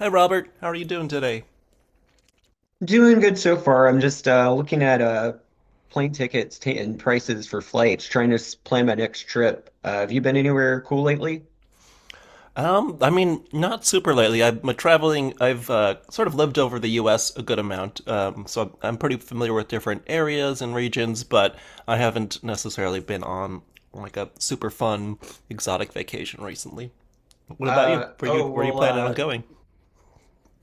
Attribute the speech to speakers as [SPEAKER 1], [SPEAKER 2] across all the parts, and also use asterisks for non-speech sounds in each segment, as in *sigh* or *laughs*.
[SPEAKER 1] Hi, Robert. How are you doing today?
[SPEAKER 2] Doing good so far. I'm just looking at plane tickets and prices for flights, trying to plan my next trip. Have you been anywhere cool lately?
[SPEAKER 1] I mean, not super lately. I'm traveling. I've sort of lived over the U.S. a good amount, so I'm pretty familiar with different areas and regions. But I haven't necessarily been on like a super fun exotic vacation recently. What about you?
[SPEAKER 2] Uh,
[SPEAKER 1] Where you
[SPEAKER 2] oh,
[SPEAKER 1] where are you
[SPEAKER 2] well,
[SPEAKER 1] planning on
[SPEAKER 2] uh,
[SPEAKER 1] going?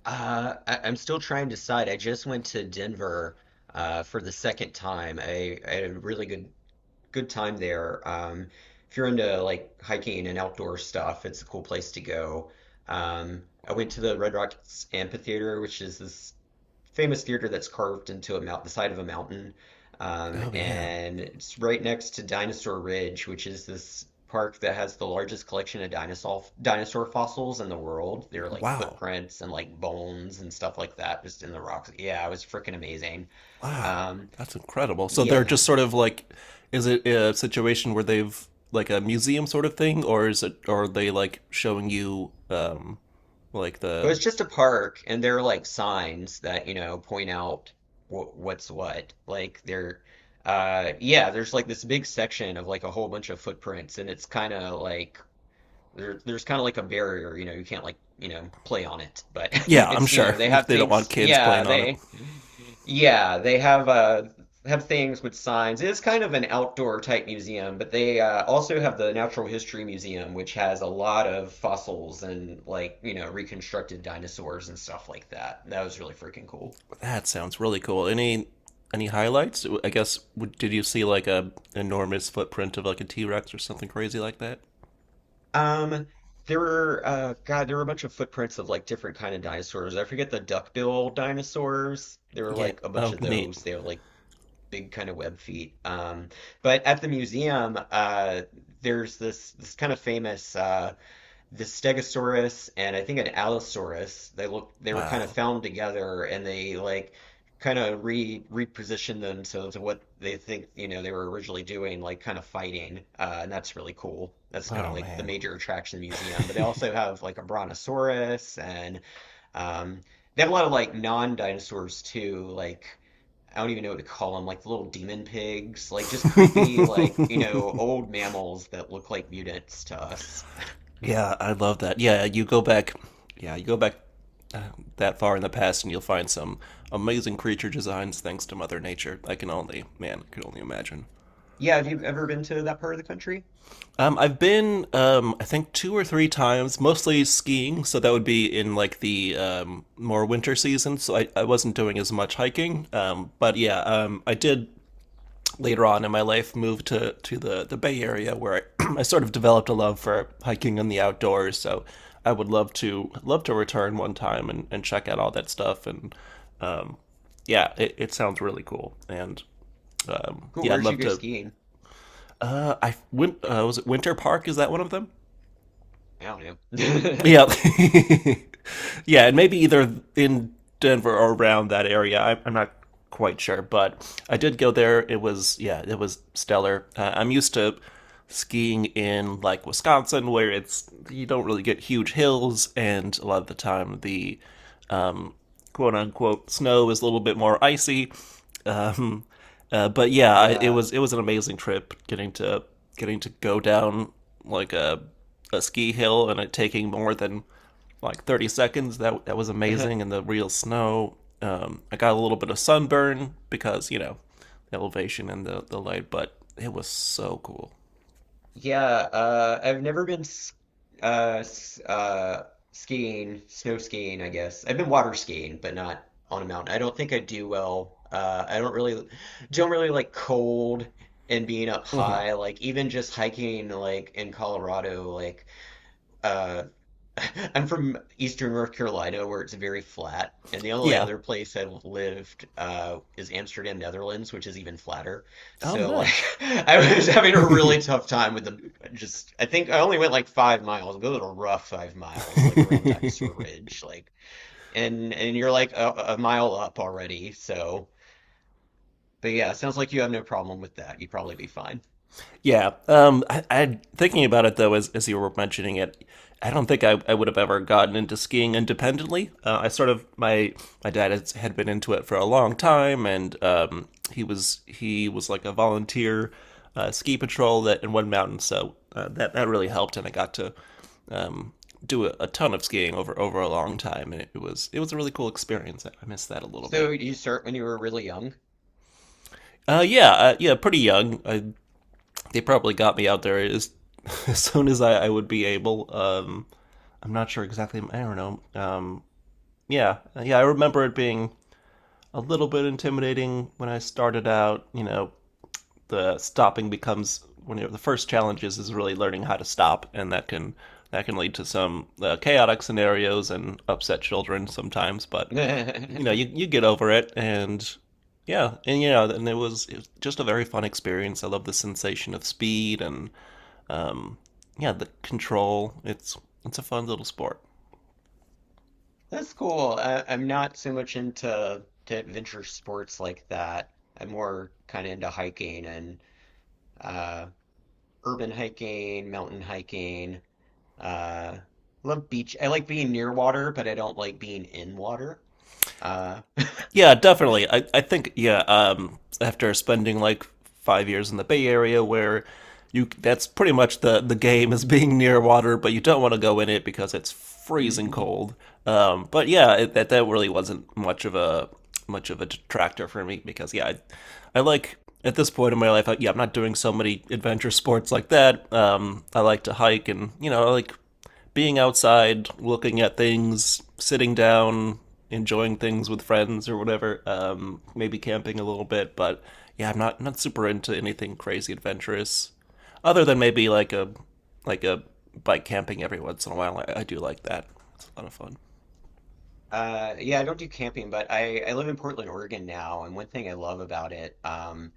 [SPEAKER 2] I'm still trying to decide. I just went to Denver for the second time. I had a really good time there. If you're into like hiking and outdoor stuff, it's a cool place to go. I went to the Red Rocks Amphitheater, which is this famous theater that's carved into the side of a mountain. Um,
[SPEAKER 1] Oh, yeah.
[SPEAKER 2] and it's right next to Dinosaur Ridge, which is this park that has the largest collection of dinosaur fossils in the world. There are like
[SPEAKER 1] Wow.
[SPEAKER 2] footprints and like bones and stuff like that just in the rocks. Yeah, it was freaking amazing.
[SPEAKER 1] Wow,
[SPEAKER 2] Um,
[SPEAKER 1] that's incredible. So they're
[SPEAKER 2] yeah,
[SPEAKER 1] just sort of like, is it a situation where they've like a museum sort of thing, or is it, or are they like showing you, like
[SPEAKER 2] it
[SPEAKER 1] the,
[SPEAKER 2] was just a park, and there are like signs that, you know, point out wh what's what. Yeah, there's like this big section of like a whole bunch of footprints, and it's kind of like there's kind of like a barrier, you know, you can't like, you know, play on it, but *laughs*
[SPEAKER 1] yeah, I'm
[SPEAKER 2] it's, you know,
[SPEAKER 1] sure
[SPEAKER 2] they
[SPEAKER 1] *laughs*
[SPEAKER 2] have
[SPEAKER 1] they don't want
[SPEAKER 2] things,
[SPEAKER 1] kids playing on it.
[SPEAKER 2] yeah, they have things with signs. It is kind of an outdoor type museum, but they, also have the Natural History Museum, which has a lot of fossils and like, you know, reconstructed dinosaurs and stuff like that. That was really freaking cool.
[SPEAKER 1] That sounds really cool. Any highlights? I guess did you see like a enormous footprint of like a T Rex or something crazy like that?
[SPEAKER 2] Um, there were, God, there were a bunch of footprints of like different kind of dinosaurs. I forget the duckbill dinosaurs. There were
[SPEAKER 1] Yeah.
[SPEAKER 2] like a bunch
[SPEAKER 1] Oh,
[SPEAKER 2] of
[SPEAKER 1] neat.
[SPEAKER 2] those. They were like big kind of web feet. But at the museum, there's this kind of famous the Stegosaurus and I think an Allosaurus. They were kind of
[SPEAKER 1] Wow.
[SPEAKER 2] found together and they like kind of re repositioned themselves to what they think you know they were originally doing, like kind of fighting. And that's really cool. That's kind
[SPEAKER 1] Oh,
[SPEAKER 2] of like the
[SPEAKER 1] man.
[SPEAKER 2] major attraction of the museum. But they also have like a Brontosaurus and um, they have a lot of like non-dinosaurs too, like I don't even know what to call them, like the little demon pigs, like just creepy, like, you know, old
[SPEAKER 1] *laughs*
[SPEAKER 2] mammals that look like mutants to us.
[SPEAKER 1] Yeah, I love that. Yeah, you go back. Yeah, you go back that far in the past, and you'll find some amazing creature designs thanks to Mother Nature. I can only, man, I can only imagine.
[SPEAKER 2] Yeah, have you ever been to that part of the country?
[SPEAKER 1] I've been, I think, two or three times, mostly skiing. So that would be in like the more winter season. So I wasn't doing as much hiking. But yeah, I did later on in my life move to the Bay Area where *clears throat* I sort of developed a love for hiking and the outdoors. So I would love to return one time and check out all that stuff and yeah, it sounds really cool, and
[SPEAKER 2] Cool,
[SPEAKER 1] yeah, I'd
[SPEAKER 2] where'd you
[SPEAKER 1] love
[SPEAKER 2] go
[SPEAKER 1] to.
[SPEAKER 2] skiing?
[SPEAKER 1] I went. Was it Winter Park? Is that one of them?
[SPEAKER 2] I don't know.
[SPEAKER 1] Yeah,
[SPEAKER 2] *laughs*
[SPEAKER 1] *laughs* yeah, and maybe either in Denver or around that area. I'm not quite sure, but I did go there. It was Yeah, it was stellar. I'm used to skiing in like Wisconsin, where it's you don't really get huge hills, and a lot of the time the quote unquote snow is a little bit more icy. But yeah, it
[SPEAKER 2] Yeah.
[SPEAKER 1] was it was an amazing trip getting to go down like a ski hill and it taking more than like 30 seconds. That was amazing
[SPEAKER 2] *laughs*
[SPEAKER 1] and the real snow. I got a little bit of sunburn because you know the elevation and the light, but it was so cool.
[SPEAKER 2] Yeah, I've never been uh, s- uh, skiing, snow skiing, I guess. I've been water skiing, but not on a mountain. I don't think I do well. I don't really like cold and being up
[SPEAKER 1] Hmm.
[SPEAKER 2] high. Like even just hiking, like in Colorado, like uh, *laughs* I'm from Eastern North Carolina, where it's very flat, and the only
[SPEAKER 1] Yeah.
[SPEAKER 2] other place I've lived is Amsterdam, Netherlands, which is even flatter.
[SPEAKER 1] Oh,
[SPEAKER 2] So like,
[SPEAKER 1] nice.
[SPEAKER 2] *laughs* I was having a really tough time with the just. I think I only went like 5 miles, a little rough 5 miles, like around Dinosaur
[SPEAKER 1] *laughs*
[SPEAKER 2] Ridge, like, and you're like a mile up already. So, but yeah, sounds like you have no problem with that. You'd probably be fine.
[SPEAKER 1] Yeah. I thinking about it though, as you were mentioning it, I don't think I would have ever gotten into skiing independently. I sort of my dad had been into it for a long time, and he was like a volunteer ski patrol that in one mountain, so that really helped, and I got to um, do a ton of skiing over a long time, and it was a really cool experience. I miss that a little bit.
[SPEAKER 2] So you start when you were really young.
[SPEAKER 1] Yeah, yeah, pretty young. I They probably got me out there as, *laughs* as soon as I would be able. I'm not sure exactly. I don't know. Yeah, yeah. I remember it being a little bit intimidating when I started out. You know, the stopping becomes one of the first challenges is really learning how to stop, and that can lead to some chaotic scenarios and upset children sometimes. But you know, you
[SPEAKER 2] *laughs*
[SPEAKER 1] you get over it, and yeah, and you know, and it was just a very fun experience. I love the sensation of speed and um, yeah, the control. It's a fun little sport.
[SPEAKER 2] That's cool. I, I'm not so much into to adventure sports like that. I'm more kind of into hiking and uh, urban hiking, mountain hiking. Uh, love beach. I like being near water, but I don't like being in water. Uh,
[SPEAKER 1] Yeah, definitely. I think, yeah. After spending like 5 years in the Bay Area, where you that's pretty much the game is *laughs* being near water, but you don't want to go in it because it's freezing
[SPEAKER 2] *laughs*
[SPEAKER 1] cold. But yeah, that really wasn't much of a detractor for me because yeah, I like at this point in my life, I, yeah, I'm not doing so many adventure sports like that. I like to hike and you know I like being outside, looking at things, sitting down, enjoying things with friends or whatever. Maybe camping a little bit, but yeah, I'm not super into anything crazy adventurous, other than maybe like a like a bike camping every once in a while. I do like that; it's a lot of
[SPEAKER 2] Yeah, I don't do camping, but I live in Portland, Oregon now, and one thing I love about it,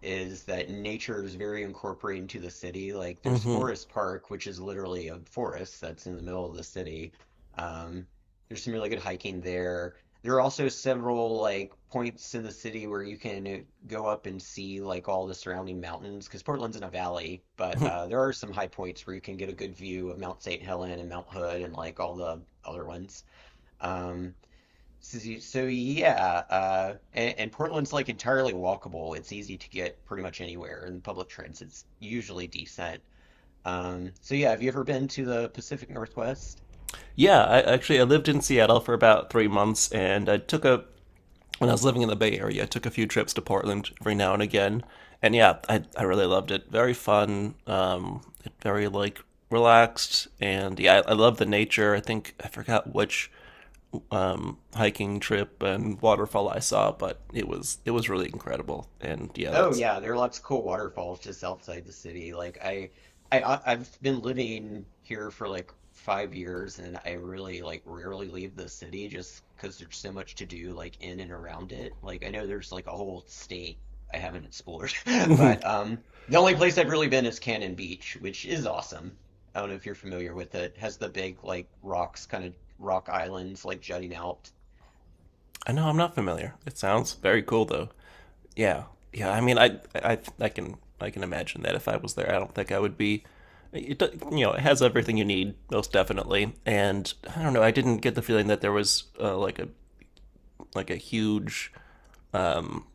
[SPEAKER 2] is that nature is very incorporated into the city. Like there's
[SPEAKER 1] fun.
[SPEAKER 2] Forest Park, which is literally a forest that's in the middle of the city. Um, there's some really good hiking there. There are also several like points in the city where you can go up and see like all the surrounding mountains because Portland's in a valley, but
[SPEAKER 1] Hmm. *laughs*
[SPEAKER 2] there are some high points where you can get a good view of Mount St. Helens and Mount Hood and like all the other ones. Um, yeah, and Portland's like entirely walkable. It's easy to get pretty much anywhere, and public transit's usually decent. So yeah, have you ever been to the Pacific Northwest?
[SPEAKER 1] Yeah, I actually I lived in Seattle for about 3 months, and I took a when I was living in the Bay Area, I took a few trips to Portland every now and again. And yeah, I really loved it. Very fun, very like relaxed. And yeah, I love the nature. I think I forgot which hiking trip and waterfall I saw, but it was really incredible. And yeah,
[SPEAKER 2] Oh
[SPEAKER 1] that's.
[SPEAKER 2] yeah, there are lots of cool waterfalls just outside the city. I've been living here for like 5 years, and I really like rarely leave the city just because there's so much to do like in and around it. Like I know there's like a whole state I haven't explored, *laughs* but
[SPEAKER 1] *laughs*
[SPEAKER 2] the only place I've really been is Cannon Beach, which is awesome. I don't know if you're familiar with it. Has the big like rocks, kind of rock islands like jutting out.
[SPEAKER 1] I know I'm not familiar. It sounds very cool though. Yeah, yeah. I
[SPEAKER 2] Yeah.
[SPEAKER 1] mean, I can imagine that if I was there, I don't think I would be. It, it has everything you need, most definitely. And I don't know. I didn't get the feeling that there was like a huge um,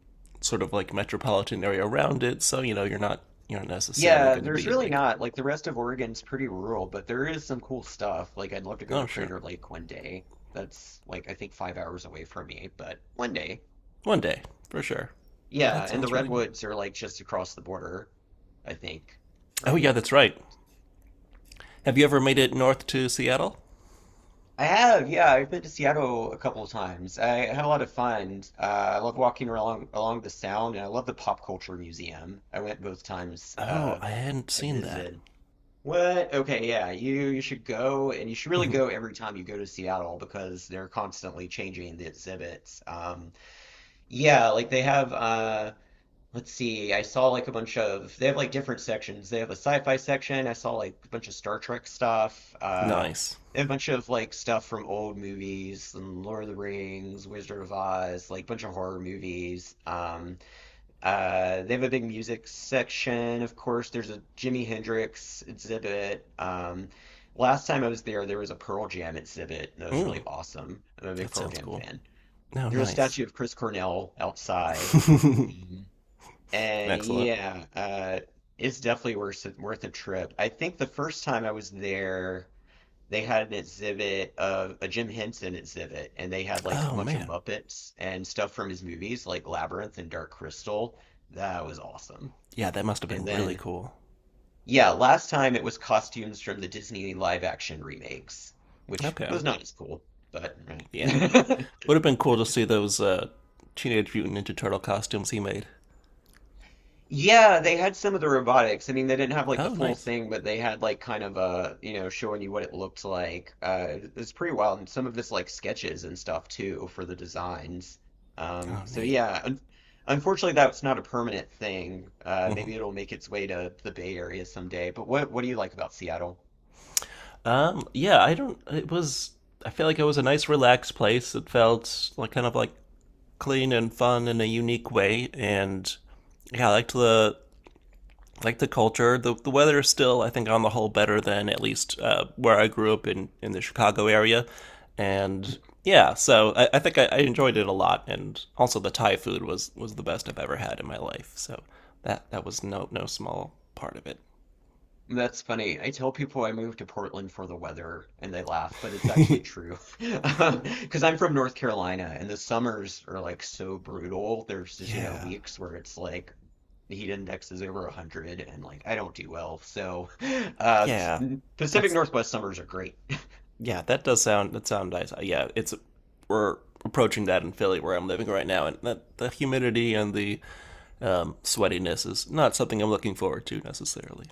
[SPEAKER 1] sort of like metropolitan area around it. So you know, you're not necessarily
[SPEAKER 2] Yeah,
[SPEAKER 1] going to
[SPEAKER 2] there's
[SPEAKER 1] be
[SPEAKER 2] really
[SPEAKER 1] like,
[SPEAKER 2] not. Like the rest of Oregon's pretty rural, but there is some cool stuff. Like I'd love to go
[SPEAKER 1] oh,
[SPEAKER 2] to
[SPEAKER 1] sure,
[SPEAKER 2] Crater Lake one day. That's like I think 5 hours away from me, but one day.
[SPEAKER 1] one day for sure. Oh,
[SPEAKER 2] Yeah,
[SPEAKER 1] that
[SPEAKER 2] and the
[SPEAKER 1] sounds really neat.
[SPEAKER 2] Redwoods are like just across the border, I think,
[SPEAKER 1] Oh, yeah,
[SPEAKER 2] right?
[SPEAKER 1] that's right. Have you ever made it north to Seattle?
[SPEAKER 2] I have, yeah, I've been to Seattle a couple of times. I had a lot of fun. I love walking along the Sound, and I love the Pop Culture Museum. I went both times
[SPEAKER 1] Oh, I hadn't
[SPEAKER 2] I
[SPEAKER 1] seen that.
[SPEAKER 2] visited. What? Okay, yeah. You should go and you should really go
[SPEAKER 1] *laughs*
[SPEAKER 2] every time you go to Seattle because they're constantly changing the exhibits. Yeah, like they have let's see, I saw like a bunch of they have like different sections. They have a sci-fi section. I saw like a bunch of Star Trek stuff.
[SPEAKER 1] Nice.
[SPEAKER 2] They have a bunch of like stuff from old movies and Lord of the Rings, Wizard of Oz, like a bunch of horror movies. They have a big music section, of course. There's a Jimi Hendrix exhibit. Last time I was there, there was a Pearl Jam exhibit, and that was
[SPEAKER 1] Mm,
[SPEAKER 2] really awesome. I'm a big
[SPEAKER 1] that
[SPEAKER 2] Pearl
[SPEAKER 1] sounds
[SPEAKER 2] Jam
[SPEAKER 1] cool.
[SPEAKER 2] fan.
[SPEAKER 1] No,
[SPEAKER 2] There's a
[SPEAKER 1] nice.
[SPEAKER 2] statue of Chris Cornell outside.
[SPEAKER 1] *laughs*
[SPEAKER 2] Mhm. And
[SPEAKER 1] Excellent.
[SPEAKER 2] yeah, it's definitely worth a trip. I think the first time I was there, they had an exhibit of a Jim Henson exhibit, and they had like a
[SPEAKER 1] Oh,
[SPEAKER 2] bunch of
[SPEAKER 1] man.
[SPEAKER 2] Muppets and stuff from his movies, like Labyrinth and Dark Crystal. That was awesome.
[SPEAKER 1] Yeah, that must have been
[SPEAKER 2] And
[SPEAKER 1] really
[SPEAKER 2] then,
[SPEAKER 1] cool.
[SPEAKER 2] yeah, last time it was costumes from the Disney live action remakes, which
[SPEAKER 1] Okay.
[SPEAKER 2] was not as cool, but
[SPEAKER 1] Yeah.
[SPEAKER 2] eh. *laughs*
[SPEAKER 1] Would have been cool to see those Teenage Mutant Ninja Turtle costumes he made.
[SPEAKER 2] Yeah, they had some of the robotics. I mean, they didn't have like the
[SPEAKER 1] Oh,
[SPEAKER 2] full
[SPEAKER 1] nice.
[SPEAKER 2] thing, but they had like kind of a, you know, showing you what it looked like. It's pretty wild, and some of this like sketches and stuff too for the designs.
[SPEAKER 1] Oh,
[SPEAKER 2] So
[SPEAKER 1] neat.
[SPEAKER 2] yeah, un Unfortunately, that's not a permanent thing.
[SPEAKER 1] Hmm.
[SPEAKER 2] Maybe it'll make its way to the Bay Area someday. But what do you like about Seattle?
[SPEAKER 1] Yeah, I don't it was I feel like it was a nice relaxed place. It felt like kind of like clean and fun in a unique way and yeah, I liked the culture. The weather is still, I think, on the whole, better than at least where I grew up in the Chicago area, and yeah, so I think I enjoyed it a lot, and also the Thai food was the best I've ever had in my life. So that was no small part of it.
[SPEAKER 2] That's funny. I tell people I moved to Portland for the weather and they laugh, but it's actually
[SPEAKER 1] *laughs*
[SPEAKER 2] true. *laughs* Because I'm from North Carolina and the summers are like so brutal. There's just, you know,
[SPEAKER 1] Yeah,
[SPEAKER 2] weeks where it's like the heat index is over 100 and like I don't do well. So uh,
[SPEAKER 1] yeah,
[SPEAKER 2] Pacific
[SPEAKER 1] that's
[SPEAKER 2] Northwest summers are great.
[SPEAKER 1] yeah, that does sound nice. Yeah, it's we're approaching that in Philly where I'm living right now, and that the humidity and the sweatiness is not something I'm looking forward to necessarily.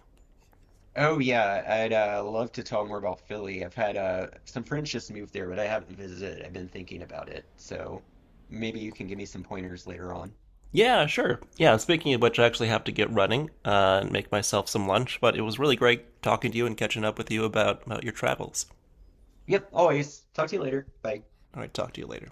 [SPEAKER 2] Oh, yeah. I'd love to talk more about Philly. I've had some friends just move there, but I haven't visited. I've been thinking about it. So maybe you can give me some pointers later on.
[SPEAKER 1] Yeah, sure. Yeah, speaking of which, I actually have to get running and make myself some lunch, but it was really great talking to you and catching up with you about your travels.
[SPEAKER 2] Yep, always. Talk to you later. Bye.
[SPEAKER 1] All right, talk to you later.